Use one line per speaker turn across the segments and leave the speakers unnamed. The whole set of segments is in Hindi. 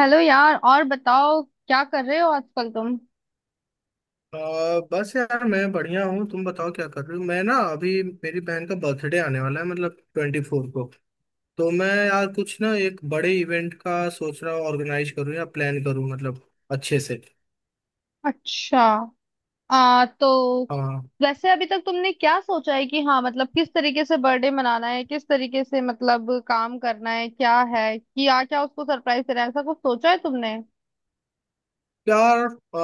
हेलो यार। और बताओ क्या कर रहे हो आजकल तुम।
अ, बस यार मैं बढ़िया हूँ। तुम बताओ क्या कर रहे हो। मैं ना अभी मेरी बहन का बर्थडे आने वाला है, मतलब 24 को। तो मैं यार कुछ ना एक बड़े इवेंट का सोच रहा हूँ, ऑर्गेनाइज करूँ या प्लान करूँ, मतलब अच्छे से।
अच्छा। आ तो
हाँ
वैसे अभी तक तुमने क्या सोचा है कि हाँ, मतलब किस तरीके से बर्थडे मनाना है, किस तरीके से मतलब काम करना है, क्या है कि क्या क्या उसको सरप्राइज देना है, ऐसा कुछ सोचा है तुमने।
यार,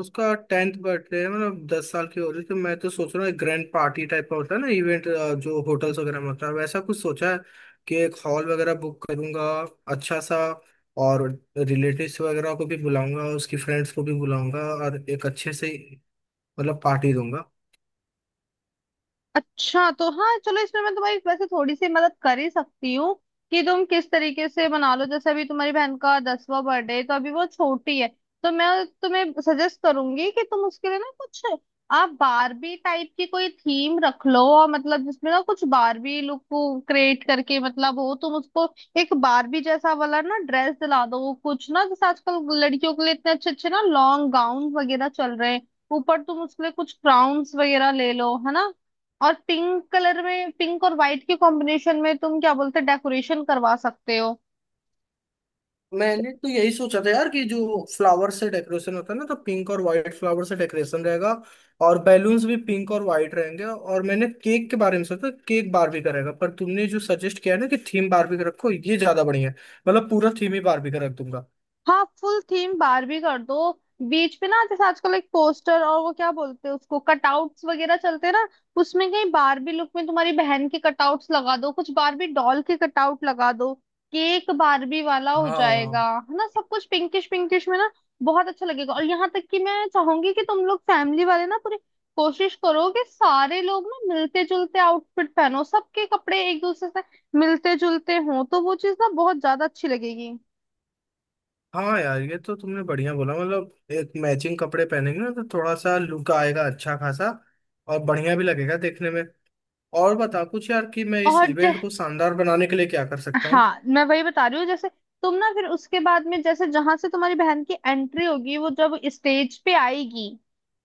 उसका 10th बर्थडे है, मतलब 10 साल की हो रही है, तो मैं तो सोच रहा हूँ एक ग्रैंड पार्टी टाइप का होता है ना इवेंट, जो होटल्स वगैरह में होता है, वैसा कुछ सोचा है कि एक हॉल वगैरह बुक करूंगा अच्छा सा। और रिलेटिव्स वगैरह को भी बुलाऊंगा, उसकी फ्रेंड्स को भी बुलाऊंगा, और एक अच्छे से मतलब पार्टी दूंगा।
अच्छा, तो हाँ चलो, इसमें मैं तुम्हारी वैसे थोड़ी सी मदद कर ही सकती हूँ कि तुम किस तरीके से मना लो। जैसे अभी तुम्हारी बहन का दसवां बर्थडे है, तो अभी वो छोटी है, तो मैं तुम्हें सजेस्ट करूंगी कि तुम उसके लिए ना कुछ आप बारबी टाइप की कोई थीम रख लो। और मतलब जिसमें ना कुछ बारबी लुक को क्रिएट करके मतलब हो तुम उसको, एक बारबी जैसा वाला ना ड्रेस दिला दो। कुछ ना जैसे आजकल लड़कियों के लिए इतने अच्छे अच्छे ना लॉन्ग गाउन वगैरह चल रहे हैं। ऊपर तुम उसके लिए कुछ क्राउन्स वगैरह ले लो, है ना। और पिंक कलर में, पिंक और व्हाइट के कॉम्बिनेशन में तुम क्या बोलते डेकोरेशन करवा सकते हो।
मैंने तो यही सोचा था यार कि जो फ्लावर से डेकोरेशन होता है ना, तो पिंक और वाइट फ्लावर से डेकोरेशन रहेगा। और बैलून्स भी पिंक और वाइट रहेंगे। और मैंने केक के बारे में सोचा, केक बारबी का रहेगा, पर तुमने जो सजेस्ट किया है ना कि थीम बारबी का रखो, ये ज्यादा बढ़िया है। मतलब पूरा थीम ही बारबी का रख दूंगा।
हाँ, फुल थीम बारबी कर दो। बीच पे ना जैसे आजकल एक पोस्टर और वो क्या बोलते हैं उसको, कटआउट्स वगैरह चलते हैं ना, उसमें कहीं बारबी लुक में तुम्हारी बहन के कटआउट्स लगा दो, कुछ बारबी डॉल के कटआउट लगा दो। केक बारबी वाला हो
हाँ।
जाएगा। है ना, सब कुछ पिंकिश पिंकिश में ना बहुत अच्छा लगेगा। और यहाँ तक कि मैं चाहूंगी कि तुम लोग फैमिली वाले ना पूरी कोशिश करो कि सारे लोग ना मिलते जुलते आउटफिट पहनो। सबके कपड़े एक दूसरे से मिलते जुलते हों तो वो चीज ना बहुत ज्यादा अच्छी लगेगी।
हाँ यार, ये तो तुमने बढ़िया बोला। मतलब एक मैचिंग कपड़े पहनेंगे ना, तो थोड़ा सा लुक आएगा अच्छा खासा, और बढ़िया भी लगेगा देखने में। और बता कुछ यार कि मैं इस
और जै-
इवेंट को शानदार बनाने के लिए क्या कर सकता
हाँ, मैं वही बता रही हूँ। जैसे तुम ना फिर उसके बाद में, जैसे जहां से तुम्हारी बहन की एंट्री होगी, वो जब स्टेज पे आएगी,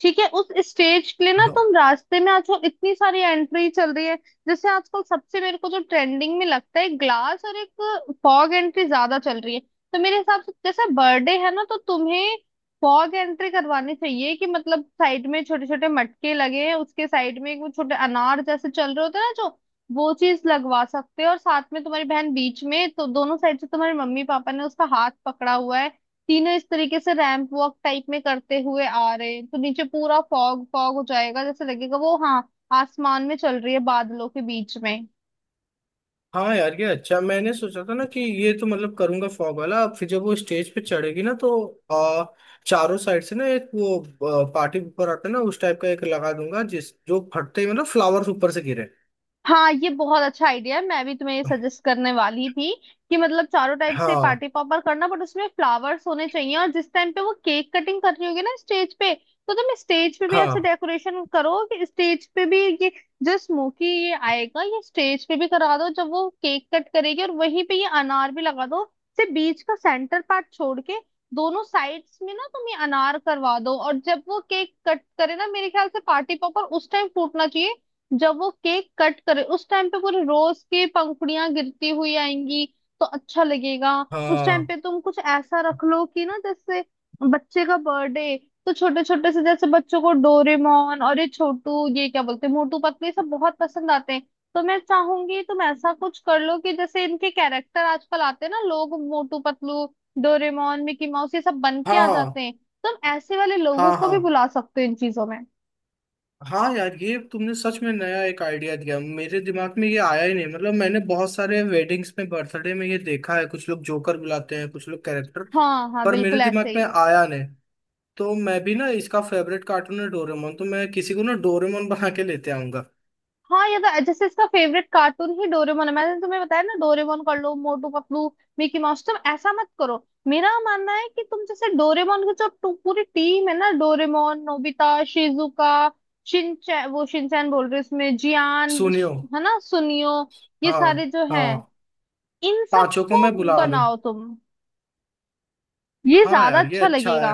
ठीक है, उस स्टेज के लिए ना
हूँ।
तुम रास्ते में, आजकल इतनी सारी एंट्री चल रही है। जैसे आजकल सबसे मेरे को जो ट्रेंडिंग में लगता है ग्लास और एक फॉग एंट्री ज्यादा चल रही है। तो मेरे हिसाब से जैसे बर्थडे है ना, तो तुम्हें फॉग एंट्री करवानी चाहिए कि मतलब साइड में छोटे छोटे मटके लगे हैं, उसके साइड में एक वो छोटे अनार जैसे चल रहे होते हैं ना, जो वो चीज लगवा सकते हो। और साथ में तुम्हारी बहन बीच में, तो दोनों साइड से तुम्हारे मम्मी पापा ने उसका हाथ पकड़ा हुआ है, तीनों इस तरीके से रैंप वॉक टाइप में करते हुए आ रहे हैं, तो नीचे पूरा फॉग फॉग हो जाएगा, जैसे लगेगा वो हाँ आसमान में चल रही है, बादलों के बीच में।
हाँ यार ये अच्छा। मैंने सोचा था ना कि ये तो मतलब करूंगा फॉग वाला। फिर जब वो स्टेज पे चढ़ेगी ना, तो आ, चारों साइड से ना एक वो पार्टी पेपर आता है ना, उस टाइप का एक लगा दूंगा जिस जो फटते ही मतलब फ्लावर्स ऊपर से गिरे।
हाँ, ये बहुत अच्छा आइडिया है, मैं भी तुम्हें ये सजेस्ट करने वाली थी कि मतलब चारों टाइप से
हाँ।
पार्टी पॉपर करना, बट उसमें फ्लावर्स होने चाहिए। और जिस टाइम पे वो केक कटिंग कर रही होगी ना स्टेज पे, तो तुम स्टेज पे भी ऐसे
हाँ।
डेकोरेशन करो कि स्टेज पे भी ये जो स्मोकी ये आएगा, ये स्टेज पे भी करा दो जब वो केक कट करेगी। और वहीं पे ये अनार भी लगा दो, से बीच का सेंटर पार्ट छोड़ के दोनों साइड्स में ना तुम ये अनार करवा दो। और जब वो केक कट करे ना, मेरे ख्याल से पार्टी पॉपर उस टाइम फूटना चाहिए, जब वो केक कट करे उस टाइम पे पूरे रोज की पंखुड़ियां गिरती हुई आएंगी, तो अच्छा लगेगा। उस टाइम पे
हाँ।
तुम कुछ ऐसा रख लो कि ना, जैसे बच्चे का बर्थडे, तो छोटे छोटे से जैसे बच्चों को डोरेमोन और ये छोटू ये क्या बोलते हैं मोटू पतलू, ये सब बहुत पसंद आते हैं। तो मैं चाहूंगी तुम ऐसा कुछ कर लो कि जैसे इनके कैरेक्टर आजकल आते हैं ना लोग, Motu Patlu, Doraemon, Mickey Mouse, ये सब बन के आ
हाँ।
जाते हैं। तुम ऐसे वाले लोगों
हाँ।
को भी
हाँ।
बुला सकते हो इन चीजों में।
हाँ यार, ये तुमने सच में नया एक आइडिया दिया। मेरे दिमाग में ये आया ही नहीं। मतलब मैंने बहुत सारे वेडिंग्स में, बर्थडे में ये देखा है, कुछ लोग जोकर बुलाते हैं, कुछ लोग कैरेक्टर,
हाँ हाँ,
पर मेरे
बिल्कुल ऐसे
दिमाग में
ही।
आया नहीं। तो मैं भी ना, इसका फेवरेट कार्टून है डोरेमोन, तो मैं किसी को ना डोरेमोन बना के लेते आऊंगा।
हाँ, ये तो जैसे इसका फेवरेट कार्टून ही डोरेमोन है, मैंने तुम्हें बताया ना, डोरेमोन कर लो, मोटू पतलू मिकी माउस तुम ऐसा मत करो। मेरा मानना है कि तुम, जैसे डोरेमोन की जो पूरी टीम है ना, डोरेमोन, नोबिता, शिजुका, शिनचैन, वो शिनचैन बोल रही हूँ इसमें,
सुनियो।
है ना, सुनियो, ये
हाँ।
सारे जो हैं,
हाँ।
इन
पांचों को मैं
सबको
बुला लूं।
बनाओ तुम। ये
हाँ
ज्यादा
यार ये
अच्छा
अच्छा है।
लगेगा।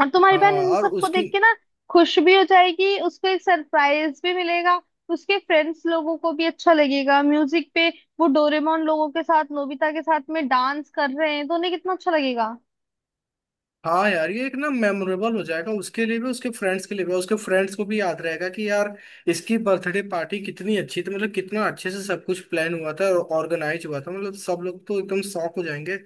और तुम्हारी
हाँ।
बहन इन
और
सबको
उसकी।
देख के ना खुश भी हो जाएगी, उसको एक सरप्राइज भी मिलेगा। उसके फ्रेंड्स लोगों को भी अच्छा लगेगा म्यूजिक पे, वो डोरेमोन लोगों के साथ, नोबिता के साथ में डांस कर रहे हैं, तो उन्हें कितना अच्छा लगेगा।
हाँ यार ये एक ना मेमोरेबल हो जाएगा, उसके लिए भी, उसके फ्रेंड्स के लिए भी। उसके फ्रेंड्स को भी याद रहेगा कि यार, इसकी बर्थडे पार्टी कितनी अच्छी थी। मतलब कितना अच्छे से सब कुछ प्लान हुआ था और ऑर्गेनाइज हुआ था। मतलब सब लोग तो एकदम शॉक हो जाएंगे।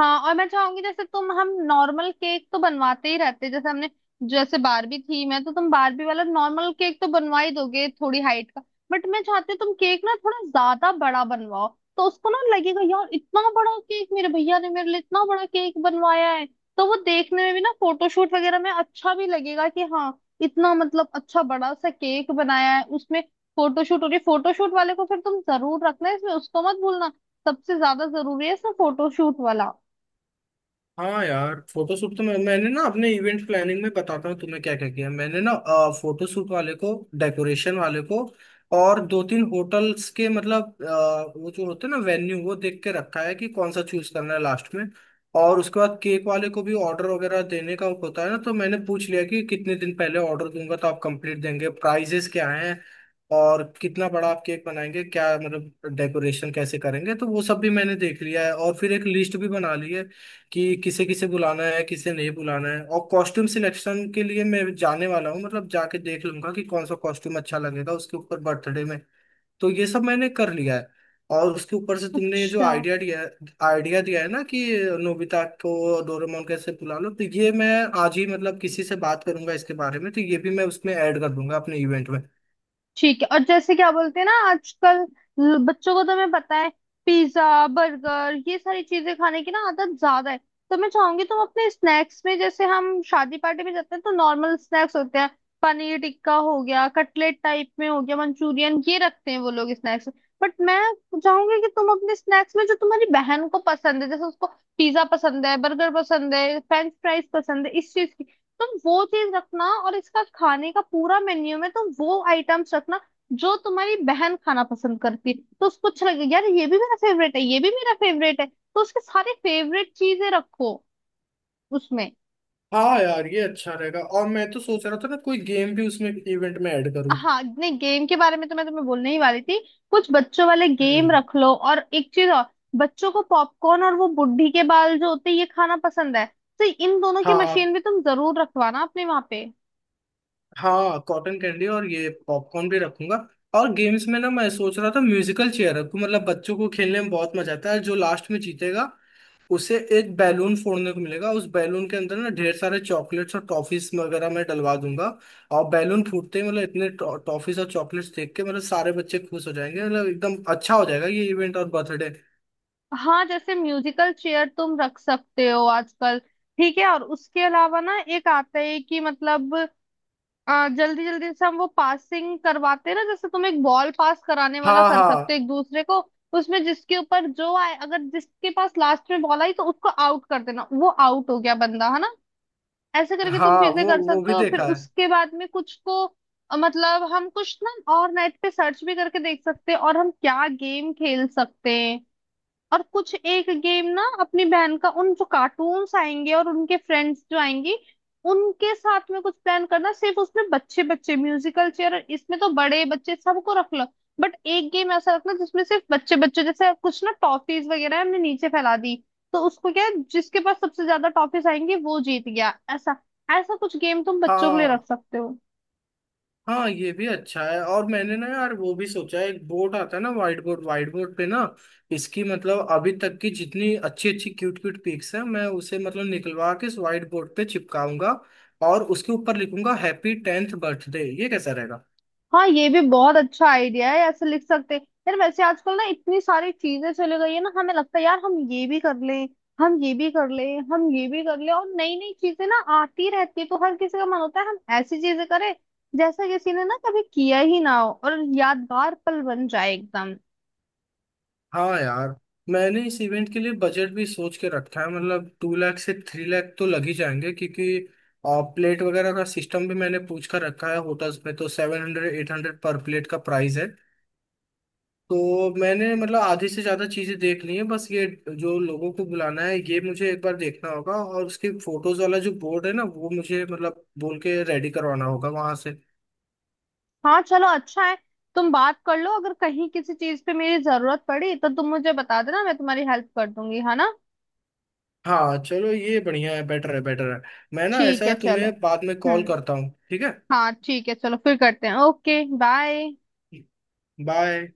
हाँ, और मैं चाहूंगी जैसे तुम, हम नॉर्मल केक तो बनवाते ही रहते हैं, जैसे हमने, जैसे बारबी थी, मैं तो तुम बारबी वाला नॉर्मल केक तो बनवा ही दोगे थोड़ी हाइट का, बट मैं चाहती हूँ तुम केक ना थोड़ा ज्यादा बड़ा बनवाओ। तो उसको ना लगेगा यार, इतना बड़ा केक मेरे भैया ने मेरे लिए इतना बड़ा केक बनवाया है। तो वो देखने में भी ना फोटोशूट वगैरह में अच्छा भी लगेगा कि हाँ, इतना मतलब अच्छा बड़ा सा केक बनाया है उसमें। फोटोशूट हो रही है, फोटोशूट वाले को फिर तुम जरूर रखना इसमें, उसको मत भूलना। सबसे ज्यादा जरूरी है इसमें फोटोशूट वाला।
हाँ यार, फोटोशूट तो मैंने ना, अपने इवेंट प्लानिंग में बताता हूँ तुम्हें क्या क्या किया मैंने ना। फोटोशूट वाले को, डेकोरेशन वाले को, और दो तीन होटल्स के मतलब वो जो होते हैं ना वेन्यू, वो देख के रखा है कि कौन सा चूज करना है लास्ट में। और उसके बाद केक वाले को भी ऑर्डर वगैरह देने का होता है ना, तो मैंने पूछ लिया कि कितने दिन पहले ऑर्डर दूंगा तो आप कंप्लीट देंगे, प्राइजेस क्या हैं, और कितना बड़ा आप केक बनाएंगे, क्या मतलब डेकोरेशन कैसे करेंगे। तो वो सब भी मैंने देख लिया है और फिर एक लिस्ट भी बना ली है कि किसे किसे बुलाना है, किसे नहीं बुलाना है। और कॉस्ट्यूम सिलेक्शन के लिए मैं जाने वाला हूँ, मतलब जाके देख लूंगा कि कौन सा कॉस्ट्यूम अच्छा लगेगा उसके ऊपर बर्थडे में। तो ये सब मैंने कर लिया है। और उसके ऊपर से तुमने ये जो
अच्छा।
आइडिया दिया, आइडिया दिया है ना कि नोबिता को, डोरेमोन कैसे बुला लो, तो ये मैं आज ही मतलब किसी से बात करूंगा इसके बारे में, तो ये भी मैं उसमें ऐड कर दूंगा अपने इवेंट में।
ठीक है, और जैसे क्या बोलते हैं ना आजकल, बच्चों को तो मैं पता है पिज्जा, बर्गर, ये सारी चीजें खाने की ना आदत ज्यादा है। तो मैं चाहूंगी तुम अपने स्नैक्स में, जैसे हम शादी पार्टी में जाते हैं तो नॉर्मल स्नैक्स होते हैं, पनीर टिक्का हो गया, कटलेट टाइप में हो गया, मंचूरियन, ये रखते हैं वो लोग स्नैक्स, बट मैं चाहूंगी कि तुम अपने स्नैक्स में जो तुम्हारी बहन को पसंद है, जैसे उसको पिज्जा पसंद है, बर्गर पसंद है, फ्रेंच फ्राइज पसंद है, इस चीज की तुम वो चीज रखना। और इसका खाने का पूरा मेन्यू में तुम वो आइटम्स रखना जो तुम्हारी बहन खाना पसंद करती है। तो उसको अच्छा लगेगा यार, ये भी मेरा फेवरेट है, ये भी मेरा फेवरेट है, तो उसके सारे फेवरेट चीजें रखो उसमें।
हाँ यार ये अच्छा रहेगा। और मैं तो सोच रहा था ना कोई गेम भी उसमें इवेंट में ऐड करूँ।
हाँ नहीं, गेम के बारे में तो मैं तुम्हें बोलने ही वाली थी, कुछ बच्चों वाले गेम
हम्म।
रख लो। और एक चीज और, बच्चों को पॉपकॉर्न और वो बुढ़ी के बाल जो होते हैं ये खाना पसंद है, तो इन दोनों की
हाँ।
मशीन भी तुम जरूर रखवाना अपने वहां पे।
हाँ कॉटन कैंडी और ये पॉपकॉर्न भी रखूंगा। और गेम्स में ना मैं सोच रहा था म्यूजिकल चेयर रखूं, मतलब बच्चों को खेलने में बहुत मजा आता है। जो लास्ट में जीतेगा उसे एक बैलून फोड़ने को मिलेगा। उस बैलून के अंदर ना ढेर सारे चॉकलेट्स और टॉफीज वगैरह मैं डलवा दूंगा। और बैलून फूटते ही मतलब इतने टॉफीज और चॉकलेट्स देख के मतलब सारे बच्चे खुश हो जाएंगे। मतलब एकदम अच्छा हो जाएगा ये इवेंट और बर्थडे।
हाँ, जैसे म्यूजिकल चेयर तुम रख सकते हो आजकल, ठीक है। और उसके अलावा ना एक आता है कि मतलब जल्दी जल्दी से हम वो पासिंग करवाते हैं ना, जैसे तुम एक बॉल पास कराने वाला
हाँ।
कर सकते हो
हाँ।
एक दूसरे को। उसमें जिसके ऊपर जो आए, अगर जिसके पास लास्ट में बॉल आई तो उसको आउट कर देना, वो आउट हो गया बंदा है ना, ऐसे करके तुम
हाँ
चीजें
वो
कर
वो
सकते
भी
हो। फिर
देखा है।
उसके बाद में कुछ को, मतलब हम कुछ ना और नेट पे सर्च भी करके देख सकते हैं, और हम क्या गेम खेल सकते हैं। और कुछ एक गेम ना अपनी बहन का, उन जो कार्टून्स आएंगे और उनके फ्रेंड्स जो आएंगी उनके साथ में कुछ प्लान करना। सिर्फ उसमें बच्चे बच्चे, म्यूजिकल चेयर इसमें तो बड़े बच्चे सबको रख लो, बट एक गेम ऐसा रखना जिसमें सिर्फ बच्चे बच्चे, जैसे कुछ ना टॉफीज वगैरह हमने नीचे फैला दी, तो उसको क्या है, जिसके पास सबसे ज्यादा टॉफीज आएंगी वो जीत गया, ऐसा ऐसा कुछ गेम तुम बच्चों के लिए
हाँ।
रख सकते हो।
हाँ ये भी अच्छा है। और मैंने ना यार वो भी सोचा है, एक बोर्ड आता है ना, व्हाइट बोर्ड। व्हाइट बोर्ड पे ना इसकी मतलब अभी तक की जितनी अच्छी अच्छी क्यूट क्यूट पिक्स हैं मैं उसे मतलब निकलवा के इस व्हाइट बोर्ड पे चिपकाऊंगा। और उसके ऊपर लिखूंगा हैप्पी 10th बर्थडे। ये कैसा रहेगा?
हाँ, ये भी बहुत अच्छा आइडिया है, ऐसे लिख सकते हैं। यार वैसे आजकल ना इतनी सारी चीजें चली गई है ना, हमें लगता है यार हम ये भी कर लें, हम ये भी कर लें, हम ये भी कर लें, और नई नई चीजें ना आती रहती है, तो हर किसी का मन होता है हम ऐसी चीजें करें जैसा किसी ने ना कभी किया ही ना हो और यादगार पल बन जाए एकदम।
हाँ यार, मैंने इस इवेंट के लिए बजट भी सोच के रखा है, मतलब 2 लाख से 3 लाख तो लग ही जाएंगे, क्योंकि प्लेट वगैरह का सिस्टम भी मैंने पूछ कर रखा है होटल्स में तो 700 800 पर प्लेट का प्राइस है। तो मैंने मतलब आधी से ज्यादा चीजें देख ली हैं, बस ये जो लोगों को बुलाना है ये मुझे एक बार देखना होगा, और उसकी फोटोज वाला जो बोर्ड है ना वो मुझे मतलब बोल के रेडी करवाना होगा वहां से।
हाँ चलो, अच्छा है, तुम बात कर लो, अगर कहीं किसी चीज पे मेरी जरूरत पड़ी तो तुम मुझे बता देना, मैं तुम्हारी हेल्प कर दूंगी, है ना।
हाँ चलो ये बढ़िया है, बेटर है बेटर है। मैं ना ऐसा
ठीक है
है
चलो।
तुम्हें बाद में कॉल
हम्म।
करता हूँ, ठीक है।
हाँ ठीक है, चलो फिर करते हैं। Okay bye.
बाय।